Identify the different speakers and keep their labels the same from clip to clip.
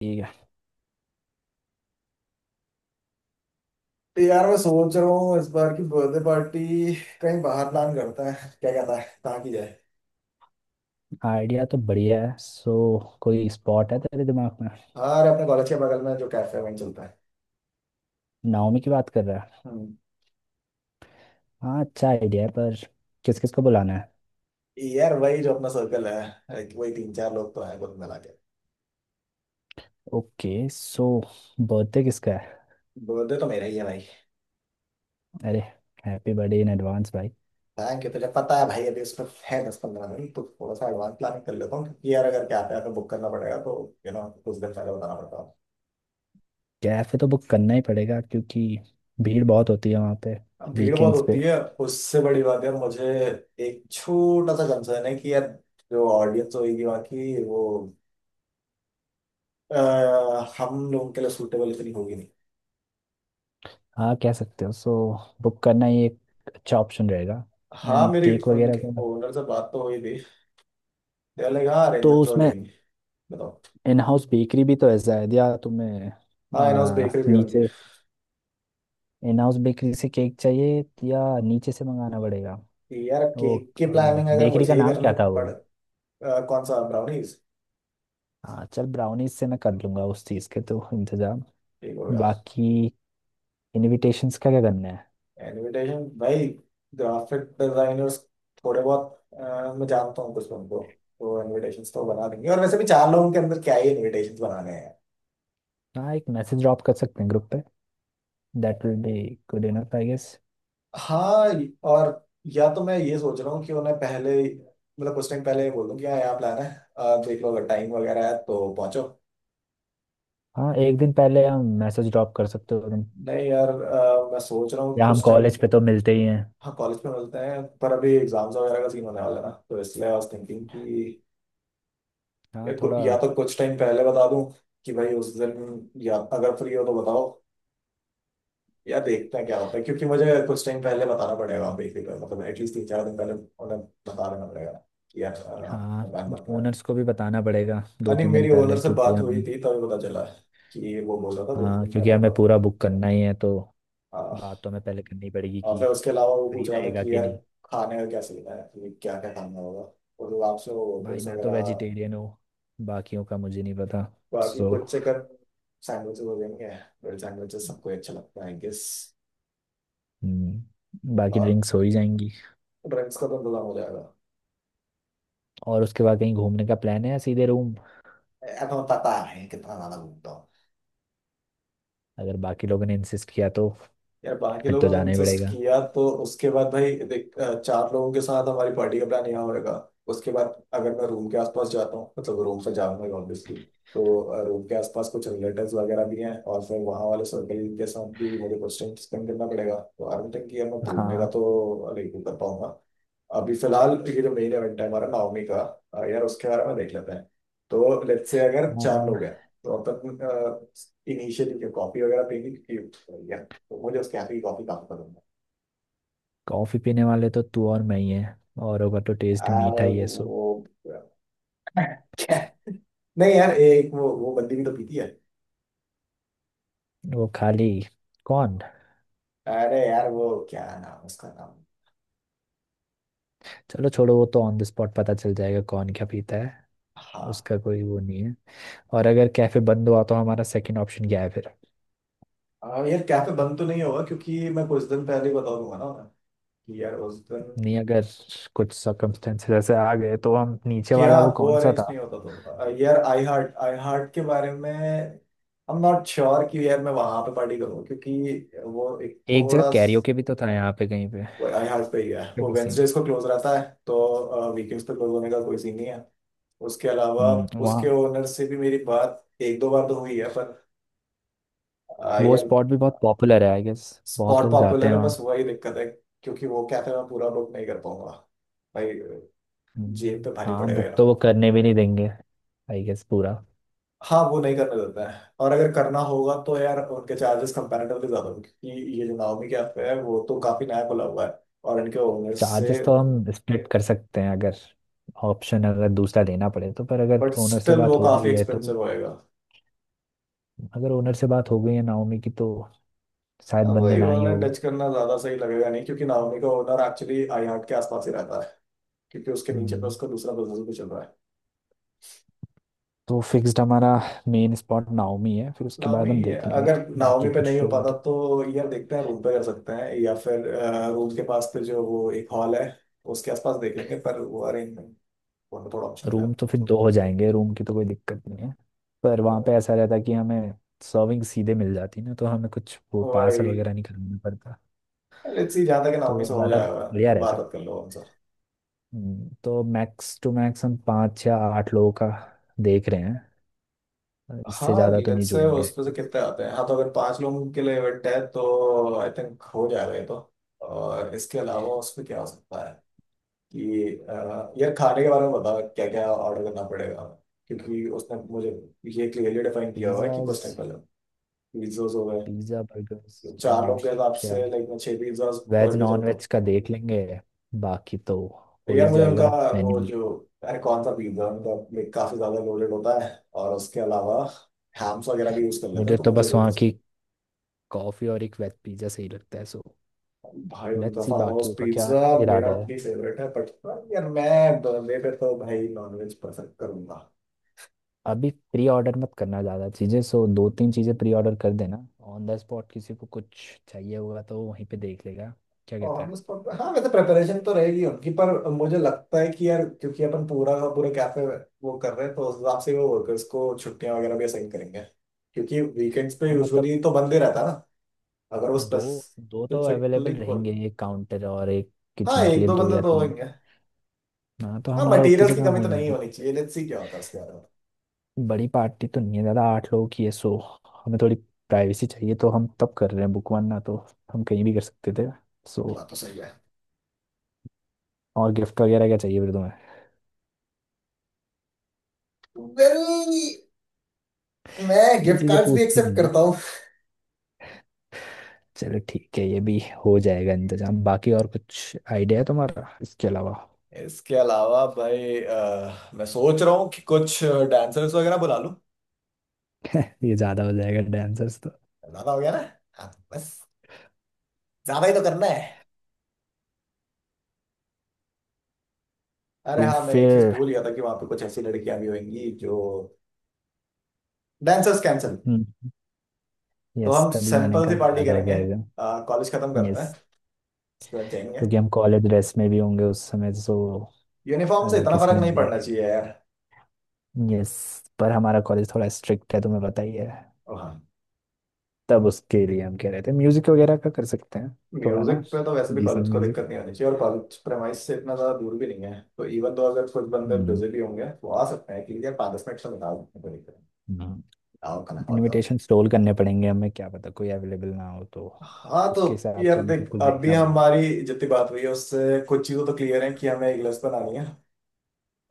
Speaker 1: ठीक है।
Speaker 2: यार मैं सोच रहा हूँ इस बार की बर्थडे पार्टी कहीं बाहर प्लान करता है, क्या कहता है कहाँ की जाए।
Speaker 1: आइडिया तो बढ़िया है, सो कोई स्पॉट है तेरे दिमाग में?
Speaker 2: हाँ अरे अपने कॉलेज के बगल में जो कैफे है वहीं चलता है।
Speaker 1: नाओमी की बात कर रहा है?
Speaker 2: हम्म।
Speaker 1: हाँ, अच्छा आइडिया है, पर किस किस को बुलाना है?
Speaker 2: यार वही जो अपना सर्कल है, like वही तीन चार लोग तो है कुल मिला के।
Speaker 1: ओके, सो बर्थडे किसका है?
Speaker 2: बर्थडे तो मेरा ही है भाई।
Speaker 1: अरे, हैप्पी बर्थडे इन एडवांस भाई।
Speaker 2: थैंक यू, तुझे पता है भाई अभी उसमें है 10-15 दिन तो थोड़ा सा एडवांस प्लानिंग कर लेता हूँ क्योंकि यार अगर कैफे आपको बुक करना पड़ेगा तो यू नो कुछ दिन पहले बताना पड़ता है।
Speaker 1: कैफे तो बुक करना ही पड़ेगा, क्योंकि भीड़ बहुत होती है वहाँ पे,
Speaker 2: अब भीड़ बहुत
Speaker 1: वीकेंड्स
Speaker 2: होती
Speaker 1: पे।
Speaker 2: है। उससे बड़ी बात है, मुझे एक छोटा सा कंसर्न है कि यार जो ऑडियंस होगी वहाँ की वो हम लोगों के लिए सूटेबल इतनी होगी नहीं।
Speaker 1: हाँ कह सकते हो, सो बुक करना ही एक अच्छा ऑप्शन रहेगा।
Speaker 2: हाँ
Speaker 1: एंड
Speaker 2: मेरी,
Speaker 1: केक वगैरह
Speaker 2: उनके
Speaker 1: का?
Speaker 2: ओनर से बात तो हुई थी तो लाइक हाँ
Speaker 1: तो
Speaker 2: अरेंजमेंट्स हो
Speaker 1: उसमें
Speaker 2: जाएंगे। बताओ।
Speaker 1: इन हाउस बेकरी भी तो है शायद, या तुम्हें
Speaker 2: हाँ इन हाउस बेकरी भी होंगे।
Speaker 1: नीचे? इन हाउस बेकरी से केक चाहिए या नीचे से मंगाना पड़ेगा?
Speaker 2: कि यार
Speaker 1: वो
Speaker 2: केक की प्लानिंग अगर
Speaker 1: बेकरी का
Speaker 2: मुझे ही
Speaker 1: नाम
Speaker 2: करनी
Speaker 1: क्या था
Speaker 2: पड़।
Speaker 1: वो?
Speaker 2: कौन सा ब्राउनीज।
Speaker 1: हाँ चल, ब्राउनीज से मैं कर लूंगा उस चीज़ के तो इंतजाम।
Speaker 2: ठीक हो गया।
Speaker 1: बाकी इनविटेशंस का क्या करना है?
Speaker 2: इनविटेशन भाई, ग्राफिक डिजाइनर्स, थोड़े बहुत, मैं जानता हूँ कुछ उनको तो इनविटेशंस तो बना देंगे, और वैसे भी चार लोगों के अंदर क्या ही इनविटेशंस बनाने हैं।
Speaker 1: हाँ एक मैसेज ड्रॉप कर सकते हैं ग्रुप पे। That will be good enough I guess.
Speaker 2: हाँ। और या तो मैं ये सोच रहा हूँ कि उन्हें पहले मतलब कुछ टाइम पहले ही बोल दूँ कि हाँ यहाँ प्लान है, देख लो अगर टाइम वगैरह है तो पहुंचो।
Speaker 1: हाँ एक दिन पहले हम मैसेज ड्रॉप कर सकते हो तुम।
Speaker 2: नहीं यार मैं सोच रहा हूँ
Speaker 1: या हम
Speaker 2: कुछ टाइम।
Speaker 1: कॉलेज पे तो मिलते ही हैं।
Speaker 2: हाँ कॉलेज में मिलते हैं पर अभी एग्जाम्स वगैरह का सीन होने वाला है ना, तो इसलिए आई वाज थिंकिंग कि
Speaker 1: हाँ थोड़ा।
Speaker 2: या तो कुछ टाइम पहले बता दूँ कि भाई उस दिन या अगर फ्री हो तो बताओ, या देखते हैं क्या होता है क्योंकि मुझे कुछ टाइम पहले बताना पड़ेगा बेसिकली, मतलब एटलीस्ट 3-4 दिन पहले उन्हें बता देना पड़ेगा कि यार
Speaker 1: हाँ,
Speaker 2: प्लान।
Speaker 1: ओनर्स को भी बताना पड़ेगा
Speaker 2: हाँ,
Speaker 1: दो
Speaker 2: नहीं
Speaker 1: तीन दिन
Speaker 2: मेरी ओनर
Speaker 1: पहले
Speaker 2: से
Speaker 1: क्योंकि
Speaker 2: बात हुई
Speaker 1: हमें।
Speaker 2: थी तभी पता चला कि वो बोल रहा था दो
Speaker 1: हाँ
Speaker 2: दिन
Speaker 1: क्योंकि
Speaker 2: पहले बता
Speaker 1: हमें
Speaker 2: रहा था।
Speaker 1: पूरा बुक करना ही है, तो बात
Speaker 2: हाँ,
Speaker 1: तो हमें पहले करनी पड़ेगी
Speaker 2: और
Speaker 1: कि
Speaker 2: फिर उसके अलावा वो पूछ
Speaker 1: फ्री
Speaker 2: रहा था
Speaker 1: रहेगा
Speaker 2: कि
Speaker 1: कि
Speaker 2: यार
Speaker 1: नहीं।
Speaker 2: खाने का क्या सीन है, कि क्या क्या खाना होगा, और वो आपसे वो
Speaker 1: भाई
Speaker 2: ड्रेस
Speaker 1: मैं तो
Speaker 2: वगैरह।
Speaker 1: वेजिटेरियन हूँ, बाकियों का मुझे नहीं पता।
Speaker 2: बाकी
Speaker 1: सो
Speaker 2: कुछ चिकन सैंडविचेस हो जाएंगे, ब्रेड सैंडविचेस सबको ही अच्छा लगता है आई गेस।
Speaker 1: बाकी
Speaker 2: और
Speaker 1: ड्रिंक्स हो ही जाएंगी।
Speaker 2: ड्रिंक्स का तो इंतजाम हो जाएगा।
Speaker 1: और उसके बाद कहीं घूमने का प्लान है या सीधे रूम?
Speaker 2: मैं तो पता है कितना ज्यादा घूमता हूँ।
Speaker 1: अगर बाकी लोगों ने इंसिस्ट किया तो
Speaker 2: यार बाकी
Speaker 1: फिर तो
Speaker 2: लोगों ने
Speaker 1: जाना ही
Speaker 2: इंसिस्ट
Speaker 1: पड़ेगा।
Speaker 2: किया तो उसके बाद भाई देख, चार लोगों के साथ हमारी पार्टी का प्लान यहाँ होगा। उसके बाद अगर मैं रूम के आसपास जाता हूँ, मतलब रूम से जाऊंगा ऑब्वियसली, तो रूम के आसपास कुछ रिलेटिव्स वगैरह भी हैं और फिर वहाँ वाले सर्कल के साथ भी मुझे कुछ टाइम स्पेंड करना पड़ेगा, तो आई डोंट थिंक कि यार मैं घूमने का
Speaker 1: हाँ
Speaker 2: तो नहीं कर पाऊंगा। अभी फिलहाल ये जो मेन इवेंट है हमारा नाओमी का, यार उसके बारे में देख लेते हैं। तो लेट्स से अगर चार लोग हैं तो अपन इनिशियली कॉफी वगैरह पीनी, तो मुझे उसके हाथ की कॉफी काफी पसंद है।
Speaker 1: कॉफ़ी पीने वाले तो तू और मैं ही हैं, और होगा तो टेस्ट
Speaker 2: अरे
Speaker 1: मीठा ही
Speaker 2: वो
Speaker 1: है सो।
Speaker 2: वो क्या। नहीं यार एक वो बंदी भी तो पीती है।
Speaker 1: वो खाली, कौन?
Speaker 2: अरे यार वो क्या नाम, उसका नाम।
Speaker 1: चलो छोड़ो, वो तो ऑन द स्पॉट पता चल जाएगा कौन क्या पीता है।
Speaker 2: हाँ।
Speaker 1: उसका कोई वो नहीं है। और अगर कैफे बंद हुआ तो हमारा सेकंड ऑप्शन क्या है फिर?
Speaker 2: हाँ यार कैफे बंद तो नहीं होगा क्योंकि मैं कुछ दिन पहले ही बता दूंगा ना उन्हें कि यार उस दिन।
Speaker 1: नहीं, अगर कुछ सर्कमस्टेंसेस ऐसे आ गए तो हम नीचे
Speaker 2: क्या।
Speaker 1: वाला, वो
Speaker 2: वो
Speaker 1: कौन सा
Speaker 2: अरेंज
Speaker 1: था?
Speaker 2: नहीं होता तो यार आई हार्ट, आई हार्ट के बारे में आई एम नॉट श्योर कि यार मैं वहां पे पार्टी करूँ क्योंकि वो एक
Speaker 1: एक जगह
Speaker 2: थोड़ा
Speaker 1: कैरियोके भी तो था यहाँ पे कहीं पे,
Speaker 2: वो आई हार्ट पे ही है। वो
Speaker 1: कहीं से।
Speaker 2: वेंसडेज को क्लोज रहता है तो वीकेंड्स पे क्लोज होने का कोई सीन नहीं है। उसके अलावा
Speaker 1: हम्म, वहाँ
Speaker 2: उसके ओनर से भी मेरी बात 1-2 बार तो हुई है पर
Speaker 1: वो
Speaker 2: यार
Speaker 1: स्पॉट भी बहुत पॉपुलर है आई गेस, बहुत
Speaker 2: स्पॉट
Speaker 1: लोग जाते
Speaker 2: पॉपुलर
Speaker 1: हैं
Speaker 2: है,
Speaker 1: वहाँ।
Speaker 2: बस वही दिक्कत है। क्योंकि वो कैफे मैं पूरा बुक नहीं कर पाऊंगा भाई, जेब पे भारी
Speaker 1: हाँ
Speaker 2: पड़ेगा
Speaker 1: बुक
Speaker 2: यार।
Speaker 1: तो वो करने भी नहीं देंगे, आई गेस पूरा।
Speaker 2: हाँ वो नहीं करने देता है, और अगर करना होगा तो यार उनके चार्जेस कंपैरेटिवली ज्यादा होंगे क्योंकि ये जो नाओमी कैफे है वो तो काफी नया खुला हुआ है। और इनके ओनर से,
Speaker 1: चार्जेस तो हम स्प्लिट कर सकते हैं, अगर ऑप्शन अगर दूसरा लेना पड़े तो, पर अगर
Speaker 2: बट
Speaker 1: ओनर से
Speaker 2: स्टिल वो
Speaker 1: बात हो
Speaker 2: काफी
Speaker 1: गई है तो।
Speaker 2: एक्सपेंसिव होएगा।
Speaker 1: अगर ओनर से बात हो गई है नाओमी की तो शायद
Speaker 2: हाँ,
Speaker 1: बंद
Speaker 2: वही
Speaker 1: ना ही
Speaker 2: ओनर
Speaker 1: हो।
Speaker 2: टच करना ज्यादा सही लगेगा नहीं, क्योंकि नाओमी का ओनर एक्चुअली आई हार्ट के आसपास ही रहता है, क्योंकि उसके नीचे पे
Speaker 1: हम्म,
Speaker 2: उसका दूसरा बिजनेस भी चल रहा है।
Speaker 1: तो फिक्स्ड हमारा मेन स्पॉट नाओमी है, फिर उसके
Speaker 2: नाओमी
Speaker 1: बाद हम
Speaker 2: ये
Speaker 1: देख लेंगे।
Speaker 2: अगर नाओमी
Speaker 1: बाकी
Speaker 2: पे नहीं
Speaker 1: कुछ
Speaker 2: हो
Speaker 1: होगा
Speaker 2: पाता
Speaker 1: तो
Speaker 2: तो यार देखते हैं, रूम पे कर सकते हैं या फिर रूम के पास पे जो वो एक हॉल है उसके आसपास देख लेंगे, पर वो अरेंजमेंट होना थोड़ा मुश्किल है।
Speaker 1: रूम तो फिर दो हो जाएंगे, रूम की तो कोई दिक्कत नहीं है। पर वहाँ पे ऐसा रहता कि हमें सर्विंग सीधे मिल जाती ना, तो हमें कुछ वो पार्सल
Speaker 2: वही
Speaker 1: वगैरह नहीं करना पड़ता,
Speaker 2: लेट्स सी, जहाँ तक
Speaker 1: तो
Speaker 2: नाओमी
Speaker 1: वो
Speaker 2: से हो
Speaker 1: ज़्यादा
Speaker 2: जाएगा
Speaker 1: बढ़िया
Speaker 2: तो बात
Speaker 1: रहता।
Speaker 2: बात कर लो उनसे।
Speaker 1: तो मैक्स टू मैक्स हम पाँच या आठ लोगों का देख रहे हैं, इससे
Speaker 2: हाँ
Speaker 1: ज़्यादा तो
Speaker 2: लेट्स
Speaker 1: नहीं
Speaker 2: से
Speaker 1: जुड़ेंगे।
Speaker 2: उस पे से कितने आते हैं। हाँ, तो अगर पांच लोगों के लिए इवेंट है तो आई थिंक हो जाएगा ये तो। और इसके अलावा उस पे क्या हो सकता है कि यार खाने के बारे में बता, क्या क्या ऑर्डर करना पड़ेगा क्योंकि उसने मुझे ये क्लियरली डिफाइन किया हुआ है कि कुछ
Speaker 1: पिज़्ज़ाज,
Speaker 2: टाइम पहले। पिज्जाज हो गए।
Speaker 1: पिज़्ज़ा बर्गर्स
Speaker 2: चार
Speaker 1: और
Speaker 2: लोग के हिसाब
Speaker 1: क्या?
Speaker 2: से लाइक मैं छह पिज्जाज
Speaker 1: वेज
Speaker 2: पकड़ के
Speaker 1: नॉन
Speaker 2: चलता हूँ।
Speaker 1: वेज का देख लेंगे, बाकी तो
Speaker 2: तो
Speaker 1: हो ही
Speaker 2: यार मुझे उनका
Speaker 1: जाएगा।
Speaker 2: वो
Speaker 1: मेन्यू,
Speaker 2: जो, अरे कौन सा पिज्जा उनका like काफी ज्यादा लोडेड होता है, और उसके अलावा हैम्स वगैरह भी यूज कर लेते हैं,
Speaker 1: मुझे
Speaker 2: तो
Speaker 1: तो
Speaker 2: मुझे
Speaker 1: बस
Speaker 2: वो
Speaker 1: वहाँ
Speaker 2: पसंद
Speaker 1: की कॉफ़ी और एक वेज पिज़्ज़ा सही लगता है, सो
Speaker 2: है। भाई उनका
Speaker 1: लेट्स सी
Speaker 2: फार्म हाउस
Speaker 1: बाकियों का क्या
Speaker 2: पिज्जा मेरा
Speaker 1: इरादा है।
Speaker 2: अपनी फेवरेट है, बट यार मैं बर्थडे पे तो भाई नॉनवेज पसंद करूंगा।
Speaker 1: अभी प्री ऑर्डर मत करना ज़्यादा चीज़ें, सो दो तीन चीज़ें प्री ऑर्डर कर देना, ऑन द स्पॉट किसी को कुछ चाहिए होगा तो वो वहीं पे देख लेगा। क्या
Speaker 2: और
Speaker 1: कहता
Speaker 2: हम
Speaker 1: है?
Speaker 2: उसको, हाँ वैसे प्रिपरेशन तो रहेगी उनकी पर मुझे लगता है कि यार क्योंकि अपन पूरा का पूरा कैफे वो कर रहे हैं तो उस हिसाब से वो वर्कर्स को छुट्टियां वगैरह भी असाइन करेंगे क्योंकि वीकेंड्स पे
Speaker 1: हाँ मतलब
Speaker 2: यूजुअली तो बंद ही रहता है ना, अगर वो
Speaker 1: दो, दो तो
Speaker 2: स्पेसिफिकली
Speaker 1: अवेलेबल
Speaker 2: खोल।
Speaker 1: रहेंगे, एक काउंटर और एक
Speaker 2: हाँ
Speaker 1: किचन के
Speaker 2: एक
Speaker 1: लिए,
Speaker 2: दो
Speaker 1: दो
Speaker 2: बंदे
Speaker 1: या
Speaker 2: तो
Speaker 1: तीन।
Speaker 2: होंगे।
Speaker 1: हाँ तो
Speaker 2: हाँ
Speaker 1: हमारा उतने
Speaker 2: मटेरियल्स
Speaker 1: से
Speaker 2: की
Speaker 1: काम
Speaker 2: कमी
Speaker 1: हो
Speaker 2: तो नहीं
Speaker 1: जाएगा।
Speaker 2: होनी चाहिए, लेट्स सी क्या होता है उसके बारे में।
Speaker 1: बड़ी पार्टी तो नहीं है ज़्यादा, आठ लोगों की है, सो हमें थोड़ी प्राइवेसी चाहिए, तो हम तब कर रहे हैं बुक, वन ना तो हम कहीं भी कर सकते थे सो।
Speaker 2: बात तो सही है।
Speaker 1: और गिफ्ट वगैरह क्या चाहिए फिर तुम्हें?
Speaker 2: वेल, मैं
Speaker 1: ये
Speaker 2: गिफ्ट
Speaker 1: चीज़ें
Speaker 2: कार्ड्स भी
Speaker 1: पूछती
Speaker 2: एक्सेप्ट
Speaker 1: नहीं है।
Speaker 2: करता हूँ।
Speaker 1: चलो ठीक है, ये भी हो जाएगा इंतजाम। बाकी और कुछ आइडिया है तुम्हारा इसके अलावा?
Speaker 2: इसके अलावा भाई मैं सोच रहा हूँ कि कुछ डांसर्स वगैरह बुला लूं।
Speaker 1: ये ज़्यादा हो जाएगा डांसर्स तो।
Speaker 2: ज्यादा हो गया ना। हाँ बस, ज्यादा ही तो करना है। अरे
Speaker 1: तो
Speaker 2: हाँ मैं एक चीज
Speaker 1: फिर
Speaker 2: भूल गया था कि वहां पे कुछ ऐसी लड़कियां भी होंगी जो। Dancers cancel. तो
Speaker 1: यस,
Speaker 2: हम
Speaker 1: तभी मैंने
Speaker 2: सैंपल
Speaker 1: कहा
Speaker 2: से
Speaker 1: कि
Speaker 2: पार्टी
Speaker 1: ज़्यादा हो
Speaker 2: करेंगे,
Speaker 1: जाएगा।
Speaker 2: कॉलेज खत्म करते
Speaker 1: यस,
Speaker 2: हैं उसके बाद जाएंगे।
Speaker 1: क्योंकि हम कॉलेज ड्रेस में भी होंगे उस समय, सो
Speaker 2: यूनिफॉर्म से
Speaker 1: अगर
Speaker 2: इतना
Speaker 1: किसी
Speaker 2: फर्क
Speaker 1: ने
Speaker 2: नहीं पड़ना
Speaker 1: देख।
Speaker 2: चाहिए यार।
Speaker 1: यस, पर हमारा कॉलेज थोड़ा स्ट्रिक्ट है, तुम्हें पता ही है।
Speaker 2: और हाँ।
Speaker 1: तब उसके लिए हम कह रहे थे म्यूजिक वगैरह का कर सकते हैं, थोड़ा
Speaker 2: म्यूजिक
Speaker 1: ना,
Speaker 2: पे तो वैसे भी
Speaker 1: डिसेंट
Speaker 2: कॉलेज को दिक्कत
Speaker 1: म्यूजिक।
Speaker 2: नहीं होनी चाहिए, और कॉलेज प्रेमाइस से इतना ज्यादा दूर भी नहीं है, तो इवन तो अगर कुछ बंदे बिजी भी होंगे वो आ सकते हैं कि यार 5-10 मिनट से निकाल, कोई दिक्कत नहीं। आओ खाना खाओ जाओ।
Speaker 1: इनविटेशन स्टॉल करने पड़ेंगे हमें, क्या पता कोई अवेलेबल ना हो तो,
Speaker 2: हाँ, तो
Speaker 1: उसके हिसाब से
Speaker 2: यार
Speaker 1: हमें
Speaker 2: देख
Speaker 1: सब कुछ
Speaker 2: अभी
Speaker 1: देखना पड़ेगा।
Speaker 2: हमारी जितनी बात हुई है उससे कुछ चीज़ें तो क्लियर है कि हमें एक लिस्ट बनानी है,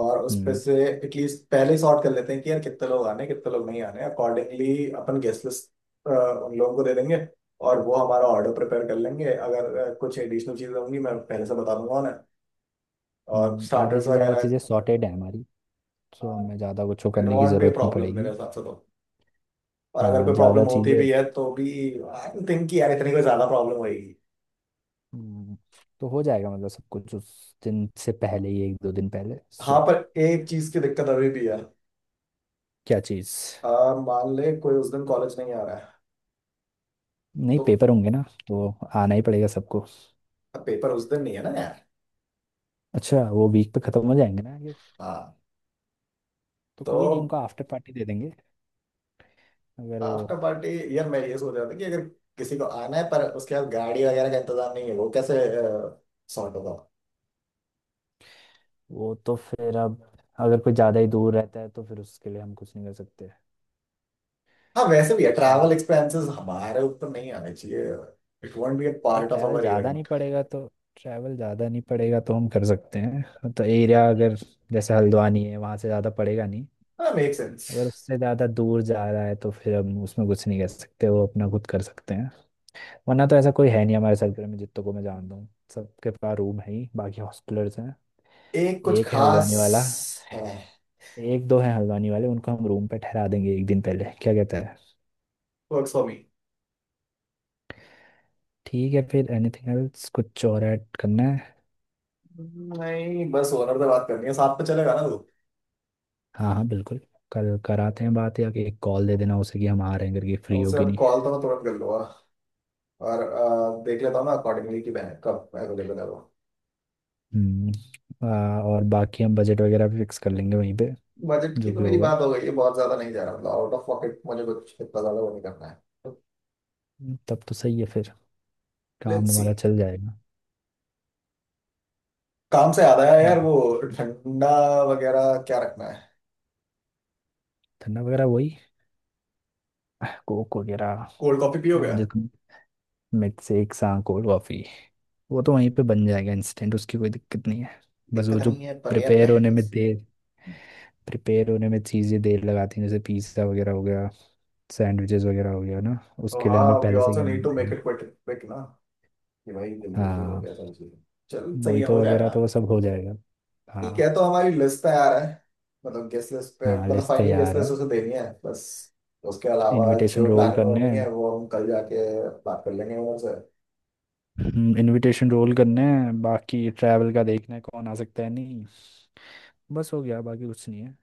Speaker 2: और उस पे
Speaker 1: हम्म।
Speaker 2: से एटलीस्ट पहले सॉर्ट कर लेते हैं कि यार कितने लोग आने कितने लोग नहीं आने, अकॉर्डिंगली अपन गेस्ट लिस्ट उन लोगों को दे देंगे और वो हमारा ऑर्डर प्रिपेयर कर लेंगे, अगर कुछ एडिशनल चीज़ें होंगी मैं पहले से बता दूंगा उन्हें। और
Speaker 1: आधी
Speaker 2: स्टार्टर्स
Speaker 1: से ज़्यादा
Speaker 2: वगैरह,
Speaker 1: चीज़ें सॉर्टेड है हमारी, सो हमें ज़्यादा कुछ वो
Speaker 2: इट
Speaker 1: करने की
Speaker 2: वॉन्ट बी
Speaker 1: ज़रूरत नहीं
Speaker 2: प्रॉब्लम मेरे
Speaker 1: पड़ेगी।
Speaker 2: हिसाब से तो। और अगर
Speaker 1: हाँ
Speaker 2: कोई प्रॉब्लम
Speaker 1: ज़्यादा
Speaker 2: होती
Speaker 1: चीज़ें।
Speaker 2: भी है तो भी आई थिंक कि यार इतनी कोई ज़्यादा प्रॉब्लम होगी।
Speaker 1: हम्म, तो हो जाएगा मतलब सब कुछ उस दिन से पहले ही, एक दो दिन पहले
Speaker 2: हाँ
Speaker 1: सो।
Speaker 2: पर एक चीज़ की दिक्कत अभी भी है।
Speaker 1: क्या चीज़?
Speaker 2: आ, मान ले कोई उस दिन कॉलेज नहीं आ रहा है
Speaker 1: नहीं
Speaker 2: तो
Speaker 1: पेपर होंगे ना, तो आना ही पड़ेगा सबको।
Speaker 2: पेपर उस दिन नहीं है ना यार।
Speaker 1: अच्छा वो वीक पे खत्म हो जाएंगे ना ये,
Speaker 2: हाँ
Speaker 1: तो
Speaker 2: तो
Speaker 1: कोई नहीं, उनको आफ्टर पार्टी दे देंगे। अगर वो,
Speaker 2: आफ्टर पार्टी, यार मैं ये सोच रहा था कि अगर किसी को आना है पर उसके पास गाड़ी वगैरह का इंतजाम नहीं है, वो कैसे सॉर्ट होगा।
Speaker 1: वो तो फिर अब अगर कोई ज़्यादा ही दूर रहता है तो फिर उसके लिए हम कुछ नहीं कर सकते।
Speaker 2: हाँ, वैसे भी है
Speaker 1: ठीक है।
Speaker 2: ट्रैवल एक्सपेंसेस हमारे ऊपर नहीं आने चाहिए, इट वोंट बी अ
Speaker 1: अगर
Speaker 2: पार्ट ऑफ
Speaker 1: ट्रैवल
Speaker 2: आवर
Speaker 1: ज़्यादा नहीं
Speaker 2: इवेंट।
Speaker 1: पड़ेगा तो, ट्रैवल ज़्यादा नहीं पड़ेगा तो हम कर सकते हैं। तो एरिया अगर जैसे हल्द्वानी है वहाँ से ज़्यादा पड़ेगा नहीं।
Speaker 2: हाँ मेक सेंस।
Speaker 1: अगर उससे ज़्यादा दूर जा रहा है तो फिर हम उसमें कुछ नहीं कर सकते, वो अपना खुद कर सकते। वरना तो ऐसा कोई है नहीं हमारे सर्कल में जितने को मैं जानता हूँ, सबके पास रूम है ही, बाकी हॉस्टलर्स हैं।
Speaker 2: एक कुछ
Speaker 1: एक है हल्द्वानी वाला।
Speaker 2: खास है।
Speaker 1: एक दो हैं हल्द्वानी वाले, उनको हम रूम पे ठहरा देंगे एक दिन पहले। क्या कहता है?
Speaker 2: Works for me.
Speaker 1: ठीक है फिर। Anything else? कुछ और ऐड करना है?
Speaker 2: नहीं बस ओनर से बात करनी है, साथ पे चलेगा ना तू।
Speaker 1: हाँ हाँ बिल्कुल। कल कराते हैं बात, या कि एक कॉल दे देना उसे कि हम आ रहे हैं करके, फ्री हो
Speaker 2: उसे
Speaker 1: कि
Speaker 2: अब
Speaker 1: नहीं।
Speaker 2: कॉल तो मैं तुरंत कर लूंगा, और देख लेता हूँ ना अकॉर्डिंगली कि मैं कब अवेलेबल है वो।
Speaker 1: हम्म। और बाकी हम बजट वगैरह भी फिक्स कर लेंगे वहीं पे।
Speaker 2: बजट की
Speaker 1: जो
Speaker 2: तो
Speaker 1: भी
Speaker 2: मेरी
Speaker 1: होगा,
Speaker 2: बात हो गई है, बहुत ज्यादा नहीं जा रहा, मतलब आउट ऑफ पॉकेट मुझे कुछ इतना ज्यादा वो नहीं करना है। तो
Speaker 1: तब तो सही है फिर, काम
Speaker 2: लेट्स सी।
Speaker 1: हमारा चल जाएगा।
Speaker 2: काम से याद आया यार
Speaker 1: हम्म,
Speaker 2: वो ठंडा वगैरह क्या रखना है।
Speaker 1: धरना वगैरह वही कोक वगैरह।
Speaker 2: कोल्ड कॉफी पियोगे।
Speaker 1: और जो मिल्कशेक सा कोल्ड कॉफी, वो तो वहीं पे बन जाएगा इंस्टेंट, उसकी कोई दिक्कत नहीं है। बस वो
Speaker 2: दिक्कत
Speaker 1: जो
Speaker 2: नहीं है पर यार
Speaker 1: प्रिपेयर होने
Speaker 2: पहले
Speaker 1: में
Speaker 2: से,
Speaker 1: देर, प्रिपेयर होने में चीज़ें देर लगाती हैं, जैसे पिज्ज़ा वगैरह हो गया, सैंडविचेस वगैरह हो गया ना,
Speaker 2: तो
Speaker 1: उसके लिए
Speaker 2: हाँ,
Speaker 1: हमें
Speaker 2: वी
Speaker 1: पहले से
Speaker 2: ऑल्सो
Speaker 1: कहना
Speaker 2: नीड टू मेक
Speaker 1: पड़ेगा।
Speaker 2: इट क्विक ना, कि भाई जल्दी जल्दी हो
Speaker 1: हाँ।
Speaker 2: गया सारी चीजें। चल सही है, हो
Speaker 1: मोहितो वगैरह
Speaker 2: जाएगा।
Speaker 1: तो वो सब हो जाएगा।
Speaker 2: ठीक है, तो
Speaker 1: हाँ।
Speaker 2: हमारी लिस्ट तैयार है, मतलब गेस्ट लिस्ट पे,
Speaker 1: हाँ
Speaker 2: मतलब
Speaker 1: लिस्ट
Speaker 2: फाइनल गेस्ट
Speaker 1: तैयार है।
Speaker 2: लिस्ट उसे देनी है बस। उसके अलावा
Speaker 1: इनविटेशन
Speaker 2: जो
Speaker 1: रोल
Speaker 2: प्लानिंग
Speaker 1: करने
Speaker 2: होनी है
Speaker 1: हैं।
Speaker 2: वो हम कल जाके बात कर लेंगे ओनर से।
Speaker 1: इनविटेशन रोल करने हैं, बाकी ट्रैवल का देखना है कौन आ सकता है नहीं। बस हो गया, बाकी कुछ नहीं है,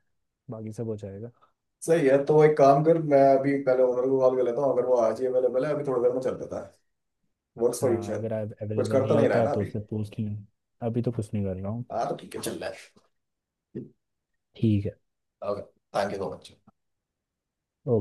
Speaker 1: बाकी सब हो जाएगा।
Speaker 2: सही है, तो एक काम कर मैं अभी पहले ओनर को कॉल कर लेता हूँ, अगर वो आज ही अवेलेबल है अभी थोड़ी देर में चल देता है। वर्क्स फॉर यू
Speaker 1: हाँ
Speaker 2: शायद।
Speaker 1: अगर आप
Speaker 2: कुछ
Speaker 1: अवेलेबल
Speaker 2: करता
Speaker 1: नहीं
Speaker 2: नहीं रहा
Speaker 1: होता
Speaker 2: है
Speaker 1: है
Speaker 2: ना
Speaker 1: तो
Speaker 2: अभी।
Speaker 1: उससे पूछ लें। अभी तो कुछ नहीं कर रहा हूँ।
Speaker 2: हाँ तो ठीक है, चल रहा है।
Speaker 1: ठीक है।
Speaker 2: Okay, thank you so much.
Speaker 1: Okay.